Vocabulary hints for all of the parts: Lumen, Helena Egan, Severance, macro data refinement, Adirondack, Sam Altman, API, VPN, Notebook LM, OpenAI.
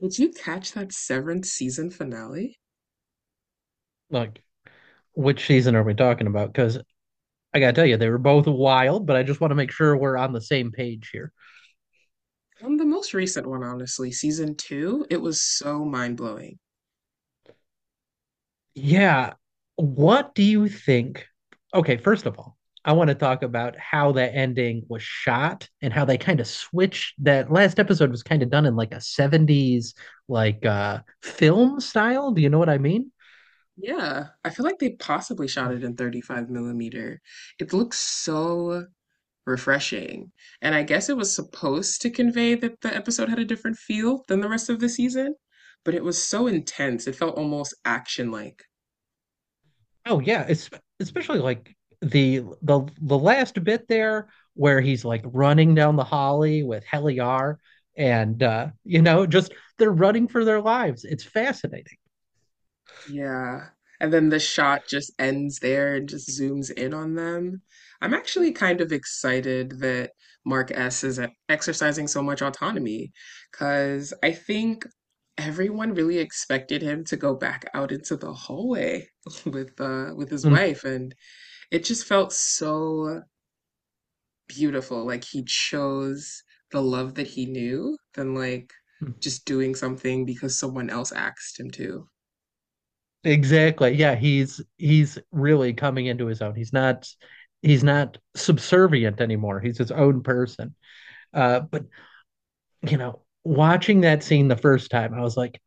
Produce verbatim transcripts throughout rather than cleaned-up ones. Did you catch that seventh season finale? Like, which season are we talking about? Because I gotta tell you, they were both wild, but I just want to make sure we're on the same page here. Um, the most recent one, honestly, season two, it was so mind-blowing. Yeah. What do you think? Okay, first of all, I want to talk about how that ending was shot and how they kind of switched that last episode was kind of done in like a seventies like uh film style. Do you know what I mean? Yeah, I feel like they possibly shot it in thirty-five millimeter. It looks so refreshing. And I guess it was supposed to convey that the episode had a different feel than the rest of the season, but it was so intense. It felt almost action-like. Oh yeah, it's especially like the the the last bit there where he's like running down the holly with Heliar and uh you know just they're running for their lives. It's fascinating. Yeah. And then the shot just ends there and just zooms in on them. I'm actually kind of excited that Mark S is e- exercising so much autonomy because I think everyone really expected him to go back out into the hallway with uh with his Mm, wife, and it just felt so beautiful. Like, he chose the love that he knew than like just doing something because someone else asked him to. exactly. Yeah, he's he's really coming into his own. He's not he's not subservient anymore. He's his own person. Uh but you know, watching that scene the first time, I was like,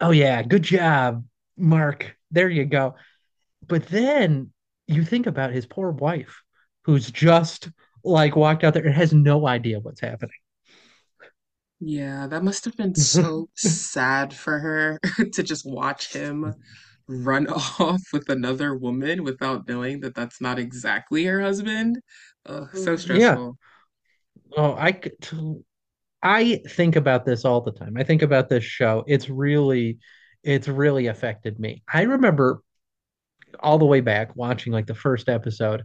"Oh yeah, good job, Mark. There you go." But then you think about his poor wife, who's just like walked out there and has no idea what's happening. Yeah, that must have been so sad for her to just watch him run off with another woman without knowing that that's not exactly her husband. Ugh, so Yeah. stressful. Oh, I I think about this all the time. I think about this show. It's really it's really affected me. I remember all the way back watching like the first episode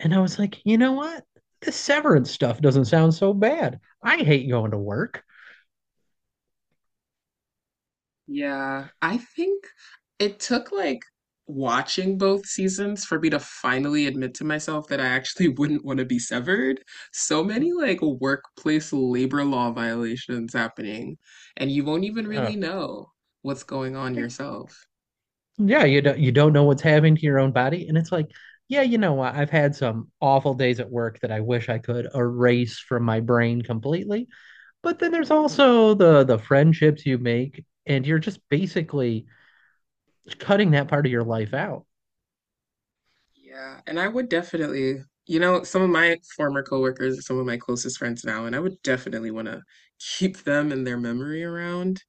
and I was like, "You know what? The severance stuff doesn't sound so bad. I hate going to work." Yeah, I think it took like watching both seasons for me to finally admit to myself that I actually wouldn't want to be severed. So Hmm. many like workplace labor law violations happening, and you won't even really know what's going on Oh, yourself. yeah, you don't you don't know what's happening to your own body, and it's like, yeah, you know what? I've had some awful days at work that I wish I could erase from my brain completely. But then there's also the the friendships you make, and you're just basically cutting that part of your life out. Yeah, and I would definitely, you know, some of my former coworkers are some of my closest friends now, and I would definitely want to keep them and their memory around.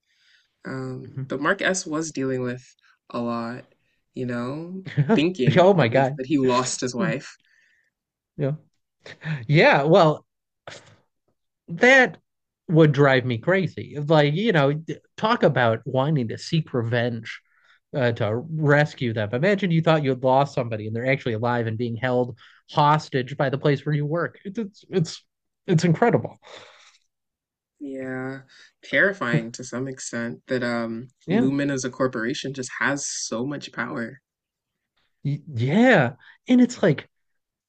Um, but Mhm. Mark S was dealing with a lot, you know, thinking Oh my at least God. that he lost his Hmm, wife. yeah. Yeah. Well, that would drive me crazy. Like, you know, talk about wanting to seek revenge uh, to rescue them. Imagine you thought you had lost somebody and they're actually alive and being held hostage by the place where you work. It's it's it's, it's incredible. Yeah, terrifying to some extent that um Yeah. Lumen as a corporation just has so much power. Yeah. And it's like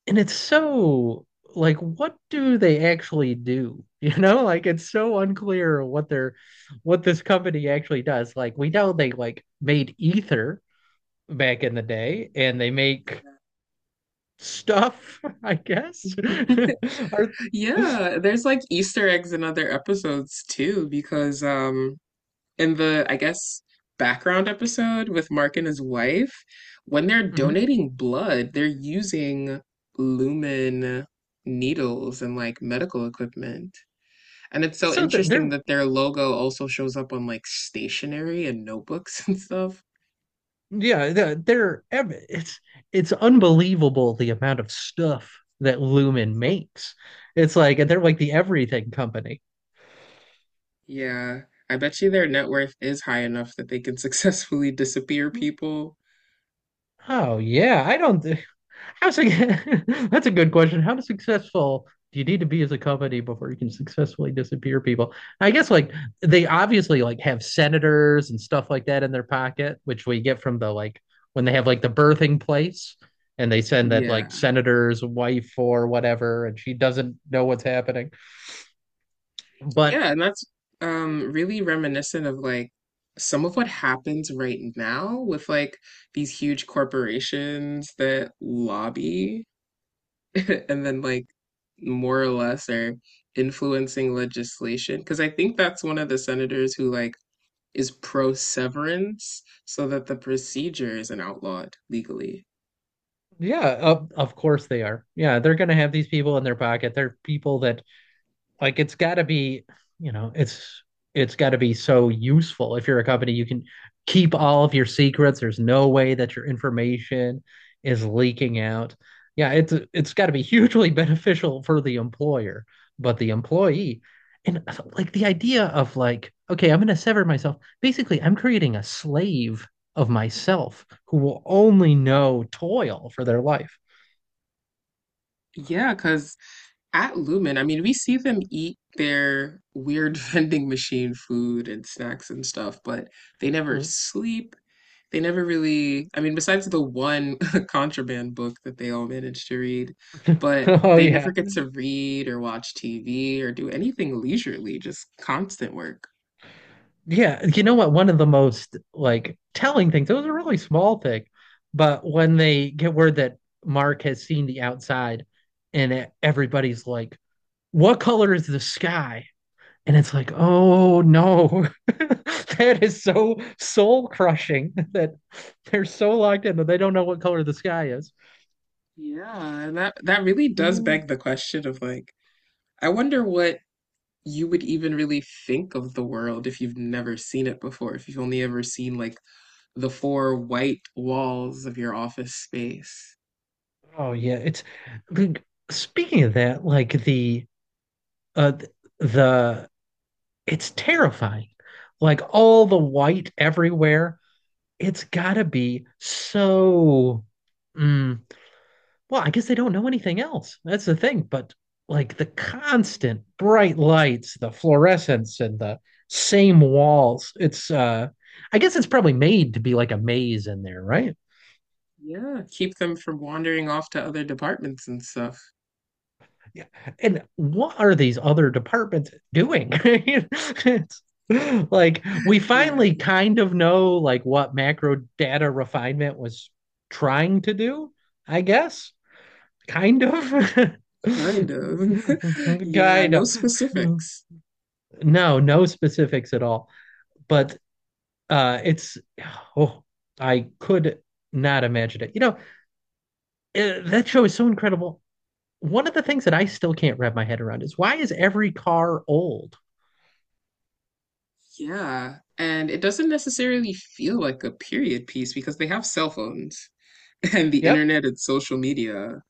and it's so like what do they actually do? You know, like it's so unclear what they're what this company actually does. Like we know they like made ether, back in the day, and they make stuff, I guess. Are Yeah, there's like Easter eggs in other episodes too, because um in the I guess background episode with Mark and his wife, when they're mhm, donating blood, they're using lumen needles and like medical equipment. And it's so so th- interesting they're that their logo also shows up on like stationery and notebooks and stuff. yeah they're it's it's unbelievable the amount of stuff that Lumen makes. It's like and they're like the everything company. Yeah. I bet you their net worth is high enough that they can successfully disappear people. Oh yeah, I don't. Thi- How sig- that's a good question. How successful do you need to be as a company before you can successfully disappear people? I guess like they obviously like have senators and stuff like that in their pocket, which we get from the like when they have like the birthing place and they send that like Yeah. senator's wife or whatever, and she doesn't know what's happening. But Yeah, and that's um really reminiscent of like some of what happens right now with like these huge corporations that lobby and then like more or less are influencing legislation. Because I think that's one of the senators who like is pro severance so that the procedure isn't outlawed legally. yeah, of, of course they are. Yeah, they're gonna have these people in their pocket. They're people that like it's got to be, you know, it's it's got to be so useful. If you're a company, you can keep all of your secrets. There's no way that your information is leaking out. Yeah, it's it's got to be hugely beneficial for the employer, but the employee and like the idea of like, okay, I'm going to sever myself. Basically, I'm creating a slave of myself who will only know toil for their life. Yeah, because at Lumen, I mean, we see them eat their weird vending machine food and snacks and stuff, but they never Mm. sleep. They never really, I mean, besides the one contraband book that they all managed to read, but Oh they never yeah. get to read or watch T V or do anything leisurely, just constant work. Yeah, you know what? One of the most like telling things, it was a really small thing, but when they get word that Mark has seen the outside and e- everybody's like, "What color is the sky?" And it's like, "Oh no," that is so soul crushing that they're so locked in that they don't know what color the sky is. Yeah, and that that really does Mm. beg the question of like, I wonder what you would even really think of the world if you've never seen it before, if you've only ever seen like the four white walls of your office space. Oh, yeah. It's like, speaking of that, like the, uh, the it's terrifying. Like all the white everywhere. It's gotta be so. Mm, well, I guess they don't know anything else. That's the thing. But like the constant bright lights, the fluorescence, and the same walls. It's. Uh I guess it's probably made to be like a maze in there, right? Yeah, keep them from wandering off to other departments and stuff. Yeah. And what are these other departments doing? It's like we Yeah, finally kind of know like what macro data refinement was trying to do, I guess. Kind of. kind of. Yeah, Kind no of. specifics. No, no specifics at all. But uh it's oh, I could not imagine it. You know, eh, that show is so incredible. One of the things that I still can't wrap my head around is why is every car old? Yeah, and it doesn't necessarily feel like a period piece because they have cell phones and the Yep. internet and social media.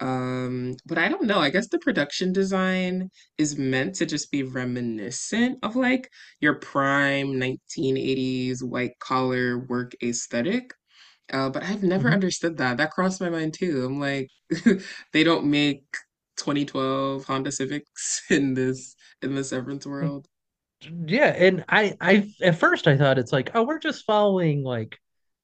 Um, but I don't know. I guess the production design is meant to just be reminiscent of like your prime nineteen eighties white collar work aesthetic. Uh, but I've never Mm-hmm. understood that. That crossed my mind too. I'm like, they don't make twenty twelve Honda Civics in this in the Severance world. Yeah, and I, I at first I thought it's like, oh, we're just following like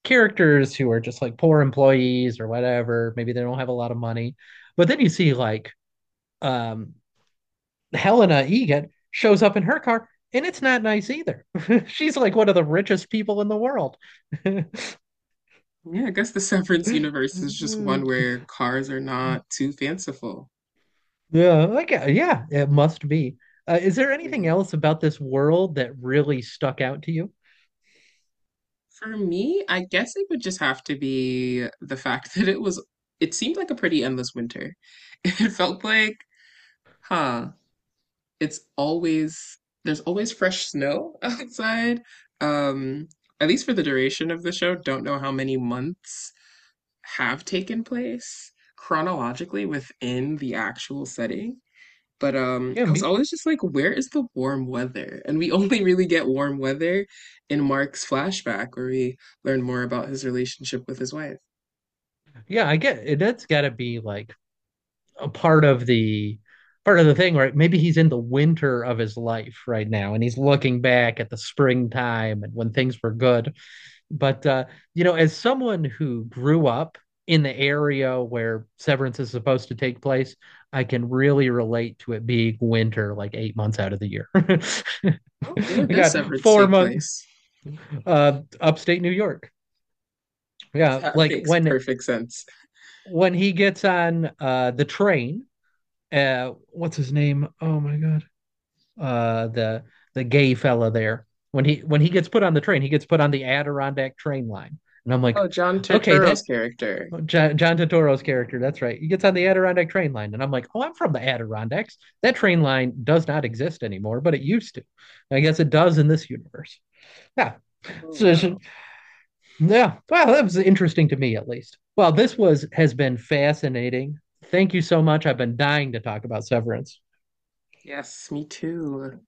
characters who are just like poor employees or whatever. Maybe they don't have a lot of money, but then you see like um, Helena Egan shows up in her car, and it's not nice either. She's like one of the richest people in the world. Yeah, Yeah, I guess the Severance universe is just one where cars are not too fanciful. like uh, yeah, it must be. Uh, is there anything Yeah. else about this world that really stuck out to you? For me, I guess it would just have to be the fact that it was, it seemed like a pretty endless winter. It felt like, huh, it's always, there's always fresh snow outside. Um, at least for the duration of the show, don't know how many months have taken place chronologically within the actual setting. But um, Yeah, I was me always just like, where is the warm weather? And we only really get warm weather in Mark's flashback, where we learn more about his relationship with his wife. yeah, I get it. That's got to be like a part of the part of the thing, right? Maybe he's in the winter of his life right now, and he's looking back at the springtime and when things were good. But uh, you know, as someone who grew up in the area where Severance is supposed to take place, I can really relate to it being winter, like eight months out of the year. Oh, where We does got severance four take months place? uh, upstate New York. Yeah, That like makes when perfect sense. when he gets on uh, the train uh what's his name? Oh my god. Uh the the gay fella there. When he when he gets put on the train, he gets put on the Adirondack train line. And I'm like, Oh, John okay, Turturro's that character. John, John Totoro's character, that's right. He gets on the Adirondack train line. And I'm like, oh, I'm from the Adirondacks. That train line does not exist anymore, but it used to. I guess it does in this universe. Yeah. Oh, So, so, wow. yeah. Well, that was interesting to me at least. Well, this was has been fascinating. Thank you so much. I've been dying to talk about Severance. Yes, me too.